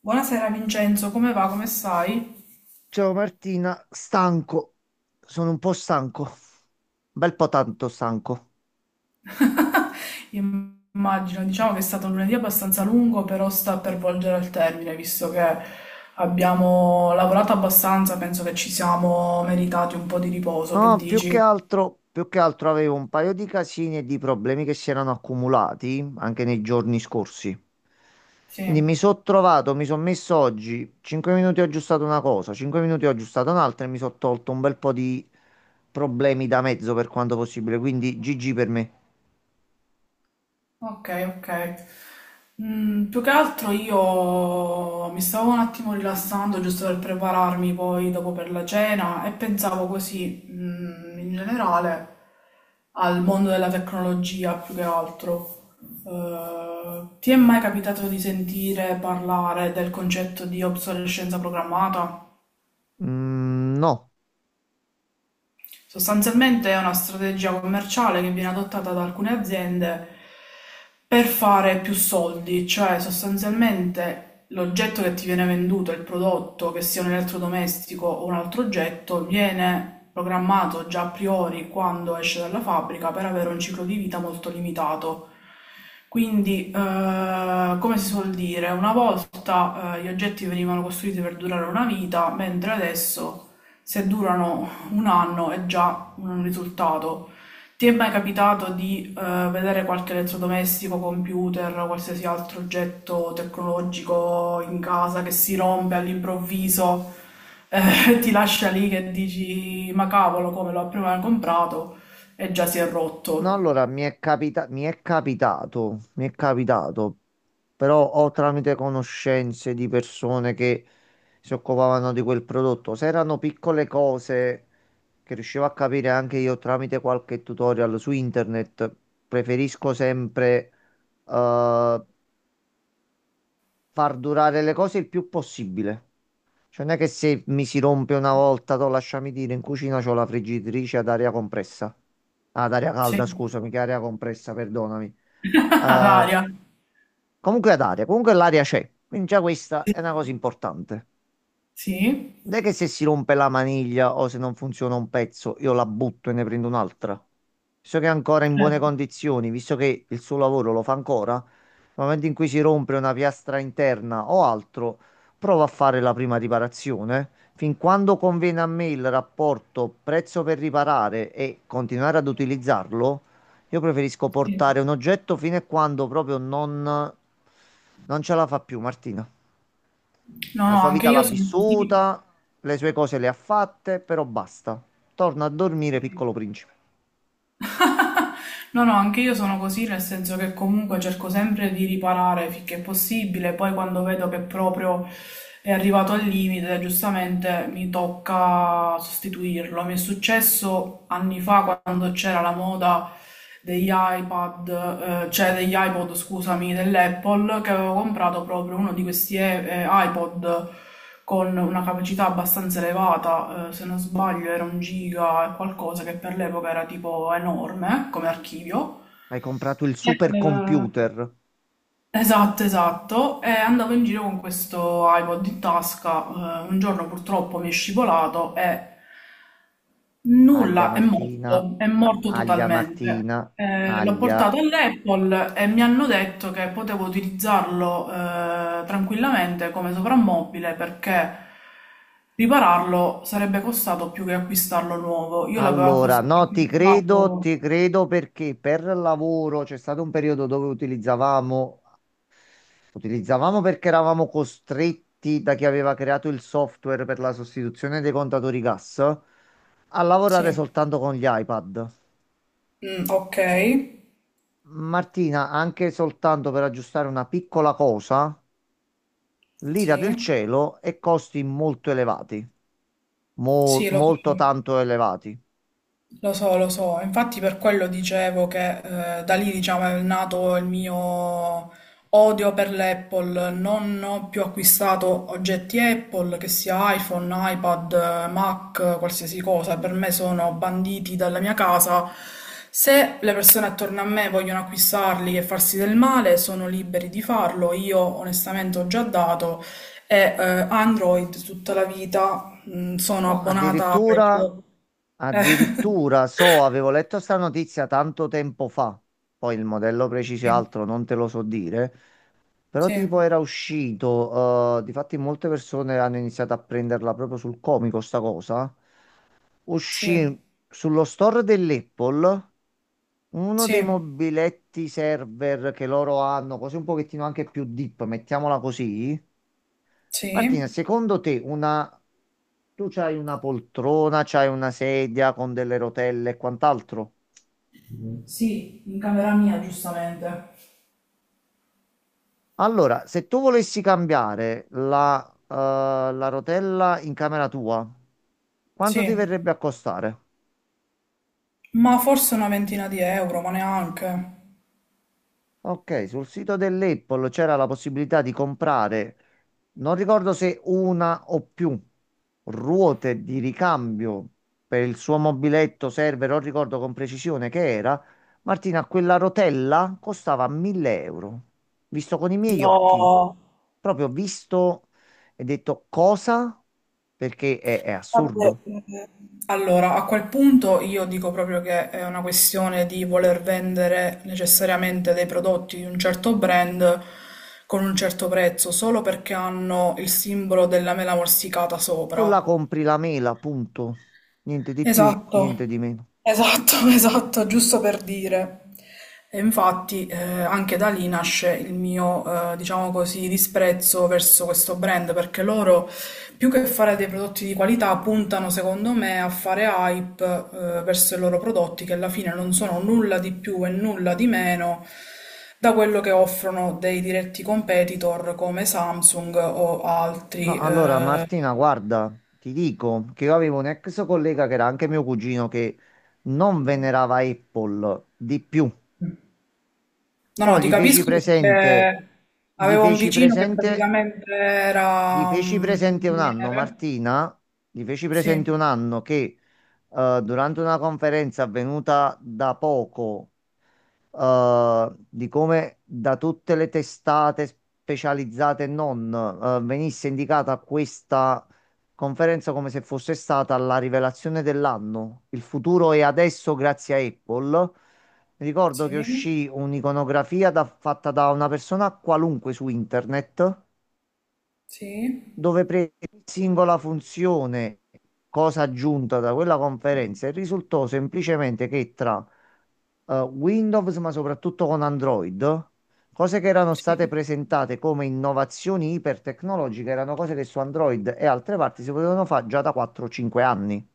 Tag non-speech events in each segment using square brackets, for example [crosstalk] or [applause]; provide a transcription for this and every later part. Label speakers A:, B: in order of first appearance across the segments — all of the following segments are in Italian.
A: Buonasera Vincenzo, come va? Come stai?
B: Ciao Martina, stanco, sono un po' stanco, un bel po' tanto stanco.
A: Immagino, diciamo che è stato un lunedì abbastanza lungo, però sta per volgere al termine, visto che abbiamo lavorato abbastanza, penso che ci siamo meritati un po' di riposo, che
B: No, più che
A: dici?
B: altro, più che altro avevo un paio di casini e di problemi che si erano accumulati anche nei giorni scorsi. Quindi
A: Sì.
B: mi sono messo oggi, 5 minuti ho aggiustato una cosa, 5 minuti ho aggiustato un'altra e mi sono tolto un bel po' di problemi da mezzo per quanto possibile, quindi GG per me.
A: Ok, ok. Più che altro io mi stavo un attimo rilassando giusto per prepararmi poi dopo per la cena e pensavo così, in generale, al mondo della tecnologia più che altro. Ti è mai capitato di sentire parlare del concetto di obsolescenza programmata?
B: Mm, no.
A: Sostanzialmente è una strategia commerciale che viene adottata da alcune aziende per fare più soldi, cioè sostanzialmente l'oggetto che ti viene venduto, il prodotto, che sia un elettrodomestico o un altro oggetto, viene programmato già a priori quando esce dalla fabbrica per avere un ciclo di vita molto limitato. Quindi, come si suol dire, una volta gli oggetti venivano costruiti per durare una vita, mentre adesso se durano un anno è già un risultato. Ti è mai capitato di vedere qualche elettrodomestico, computer, qualsiasi altro oggetto tecnologico in casa che si rompe all'improvviso, [laughs] ti lascia lì che dici, ma cavolo, come l'ho prima comprato e già si è
B: No,
A: rotto.
B: allora mi è capitato, però ho tramite conoscenze di persone che si occupavano di quel prodotto. Se erano piccole cose che riuscivo a capire anche io tramite qualche tutorial su internet, preferisco sempre eh, far durare le cose il più possibile. Cioè, non è che se mi si rompe una volta, to, lasciami dire, in cucina c'ho la friggitrice ad aria compressa. Ah, ad aria
A: Sì.
B: calda, scusami, che aria compressa, perdonami.
A: [laughs] Ad
B: Eh,
A: aria.
B: Comunque ad aria, comunque l'aria c'è. Quindi già questa è una cosa importante.
A: Sì.
B: Non è che se si rompe la maniglia o se non funziona un pezzo, io la butto e ne prendo un'altra. Visto che è ancora in buone
A: Certo.
B: condizioni, visto che il suo lavoro lo fa ancora, nel momento in cui si rompe una piastra interna o altro, provo a fare la prima riparazione. Fin quando conviene a me il rapporto prezzo per riparare e continuare ad utilizzarlo, io preferisco
A: Sì.
B: portare un oggetto fino a quando proprio non, non ce la fa più, Martina.
A: No,
B: La
A: no,
B: sua
A: anche
B: vita
A: io
B: l'ha
A: sono così.
B: vissuta, le sue cose le ha fatte, però basta. Torna a dormire,
A: Sì.
B: piccolo principe.
A: [laughs] No, no, anche io sono così, nel senso che comunque cerco sempre di riparare finché è possibile, poi quando vedo che proprio è arrivato al limite, giustamente mi tocca sostituirlo. Mi è successo anni fa quando c'era la moda degli iPad, cioè degli iPod, scusami, dell'Apple, che avevo comprato proprio uno di questi iPod con una capacità abbastanza elevata, se non sbaglio era un giga e qualcosa che per l'epoca era tipo enorme come archivio.
B: Hai comprato il
A: Eh,
B: supercomputer.
A: esatto, esatto. E andavo in giro con questo iPod in tasca. Un giorno purtroppo mi è scivolato e
B: Aglia
A: nulla,
B: Martina,
A: è morto
B: aglia
A: totalmente.
B: Martina,
A: L'ho
B: aglia.
A: portato all'Apple e mi hanno detto che potevo utilizzarlo tranquillamente come soprammobile perché ripararlo sarebbe costato più che acquistarlo nuovo. Io
B: Allora, no,
A: acquistato.
B: ti credo perché per lavoro c'è stato un periodo dove utilizzavamo perché eravamo costretti da chi aveva creato il software per la sostituzione dei contatori gas a lavorare
A: Sì,
B: soltanto con gli iPad.
A: mm, ok,
B: Martina, anche soltanto per aggiustare una piccola cosa, l'ira del
A: sì,
B: cielo e costi molto elevati,
A: sì, lo so.
B: molto tanto elevati.
A: Lo so, lo so, infatti per quello dicevo che da lì diciamo è nato il mio odio per l'Apple, non ho più acquistato oggetti Apple, che sia iPhone, iPad, Mac, qualsiasi cosa, per me sono banditi dalla mia casa. Se le persone attorno a me vogliono acquistarli e farsi del male, sono liberi di farlo, io onestamente ho già dato e Android tutta la vita, sono
B: No,
A: abbonata ai
B: addirittura,
A: prodotti. Eh. [laughs]
B: addirittura so, avevo letto sta notizia tanto tempo fa, poi il modello preciso e
A: Sì,
B: altro non te lo so dire, però
A: sì,
B: tipo era uscito, difatti molte persone hanno iniziato a prenderla proprio sul comico sta cosa,
A: sì,
B: uscì sullo store dell'Apple. Uno dei
A: sì,
B: mobiletti server che loro hanno, così un pochettino anche più deep, mettiamola così. Martina,
A: sì,
B: secondo te una... tu c'hai una poltrona, c'hai una sedia con delle rotelle e quant'altro?
A: sì, in camera mia, giustamente.
B: Allora, se tu volessi cambiare la rotella in camera tua, quanto ti
A: Sì.
B: verrebbe a costare?
A: Ma forse una ventina di euro, ma neanche.
B: Ok, sul sito dell'Apple c'era la possibilità di comprare, non ricordo se una o più ruote di ricambio per il suo mobiletto server, non ricordo con precisione che era. Martina, quella rotella costava 1000 euro, visto con i miei occhi. Proprio visto e detto cosa? Perché è
A: Vabbè,
B: assurdo.
A: allora, a quel punto io dico proprio che è una questione di voler vendere necessariamente dei prodotti di un certo brand con un certo prezzo, solo perché hanno il simbolo della mela morsicata
B: Tu la
A: sopra.
B: compri la mela, punto. Niente di più,
A: Esatto,
B: niente di meno.
A: esatto, [laughs] esatto, giusto per dire. E infatti anche da lì nasce il mio, diciamo così, disprezzo verso questo brand, perché loro, più che fare dei prodotti di qualità, puntano, secondo me, a fare hype verso i loro prodotti, che alla fine non sono nulla di più e nulla di meno da quello che offrono dei diretti competitor come Samsung o
B: No,
A: altri.
B: allora
A: Eh,
B: Martina, guarda, ti dico che io avevo un ex collega che era anche mio cugino che non venerava Apple di più,
A: no,
B: però
A: no, ti
B: gli feci
A: capisco
B: presente,
A: perché
B: gli
A: avevo un
B: feci
A: vicino che
B: presente,
A: praticamente
B: gli
A: era
B: feci
A: un
B: presente un anno,
A: ingegnere.
B: Martina, gli feci presente
A: Sì,
B: un anno che durante una conferenza avvenuta da poco di come da tutte le testate specializzate e non, venisse indicata questa conferenza come se fosse stata la rivelazione dell'anno. Il futuro è adesso grazie a Apple. Mi ricordo che
A: sì,
B: uscì un'iconografia fatta da una persona qualunque su internet,
A: sì,
B: dove prese ogni singola funzione, cosa aggiunta da quella conferenza, e risultò semplicemente che tra Windows, ma soprattutto con Android, cose che erano state
A: sì.
B: presentate come innovazioni ipertecnologiche, erano cose che su Android e altre parti si potevano fare già da 4-5 anni.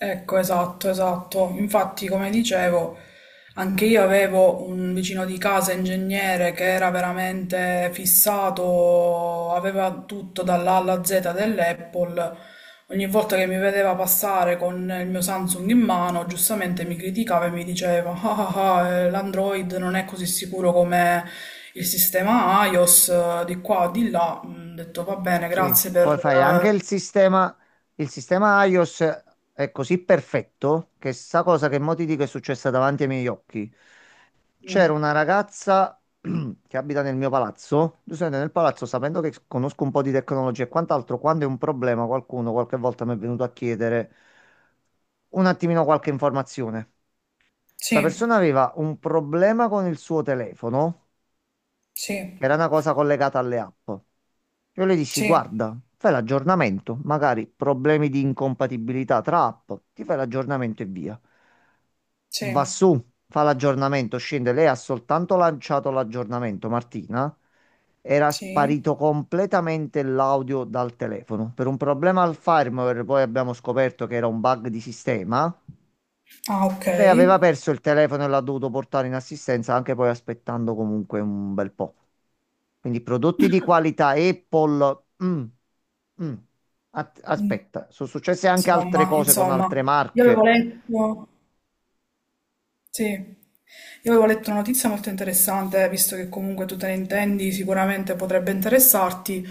A: Ecco, esatto, esatto. Infatti, come dicevo, anche io avevo un vicino di casa ingegnere che era veramente fissato, aveva tutto dall'A alla Z dell'Apple. Ogni volta che mi vedeva passare con il mio Samsung in mano, giustamente mi criticava e mi diceva: Ah, ah, ah, l'Android non è così sicuro come il sistema iOS, di qua, di là. Mm, ho detto va bene,
B: Sì,
A: grazie per.
B: poi fai anche il sistema iOS è così perfetto che sta cosa che mo ti dico è successa davanti ai miei occhi.
A: eh,
B: C'era
A: mm,
B: una ragazza [clears throat] che abita nel mio palazzo. Giuseppe, nel palazzo, sapendo che conosco un po' di tecnologia e quant'altro, quando è un problema, qualcuno qualche volta mi è venuto a chiedere un attimino qualche informazione. Sta
A: Sì,
B: persona aveva un problema con il suo telefono
A: sì,
B: che era una cosa collegata alle app. Io le dissi,
A: sì.
B: guarda, fai l'aggiornamento, magari problemi di incompatibilità tra app, ti fai l'aggiornamento e via. Va
A: Sì,
B: su, fa l'aggiornamento, scende. Lei ha soltanto lanciato l'aggiornamento, Martina. Era
A: sì.
B: sparito completamente l'audio dal telefono. Per un problema al firmware, poi abbiamo scoperto che era un bug di sistema.
A: Ah, ok.
B: Lei aveva perso il telefono e l'ha dovuto portare in assistenza, anche poi aspettando comunque un bel po'. Quindi prodotti di qualità Apple. Mm, mm. Aspetta, sono successe anche altre
A: Insomma,
B: cose con
A: insomma,
B: altre
A: io avevo
B: marche.
A: letto. Sì, io avevo letto una notizia molto interessante, visto che comunque tu te ne intendi, sicuramente potrebbe interessarti.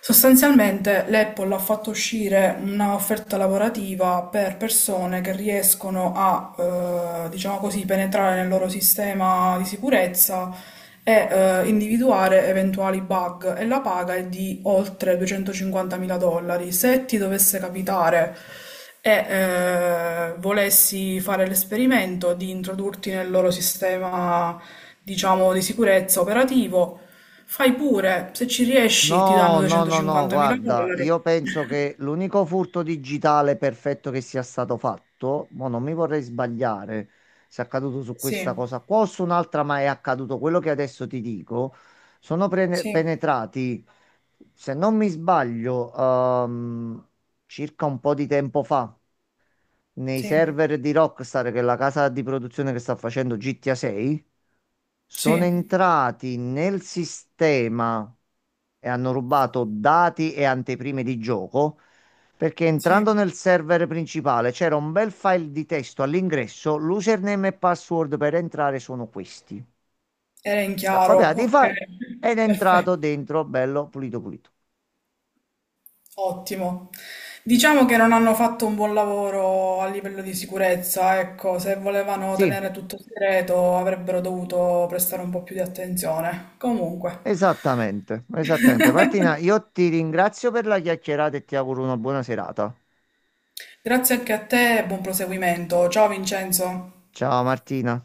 A: Sostanzialmente l'Apple ha fatto uscire un'offerta lavorativa per persone che riescono a, diciamo così, penetrare nel loro sistema di sicurezza e individuare eventuali bug e la paga è di oltre 250.000 dollari. Se ti dovesse capitare e volessi fare l'esperimento di introdurti nel loro sistema, diciamo, di sicurezza operativo, fai pure, se ci riesci ti danno
B: No, no, no, no,
A: 250.000
B: guarda,
A: dollari.
B: io penso che l'unico furto digitale perfetto che sia stato fatto, ma non mi vorrei sbagliare se è accaduto su
A: Sì,
B: questa cosa qua o su un'altra, ma è accaduto quello che adesso ti dico, sono
A: sì,
B: penetrati, se non mi sbaglio, circa un po' di tempo fa nei
A: sì,
B: server di Rockstar, che è la casa di produzione che sta facendo GTA 6, sono
A: sì,
B: entrati nel sistema e hanno rubato dati e anteprime di gioco. Perché
A: sì,
B: entrando nel server principale c'era un bel file di testo all'ingresso, l'username e password per entrare sono questi.
A: era in
B: Sta
A: chiaro,
B: copiato i
A: ok,
B: file ed
A: [laughs]
B: è
A: perfetto.
B: entrato dentro, bello pulito pulito.
A: Ottimo. Diciamo che non hanno fatto un buon lavoro a livello di sicurezza, ecco, se volevano
B: Sì,
A: tenere tutto segreto avrebbero dovuto prestare un po' più di attenzione. Comunque,
B: esattamente, esattamente. Martina, io ti ringrazio per la chiacchierata e ti auguro una buona serata.
A: grazie anche a te e buon proseguimento. Ciao Vincenzo.
B: Ciao Martina.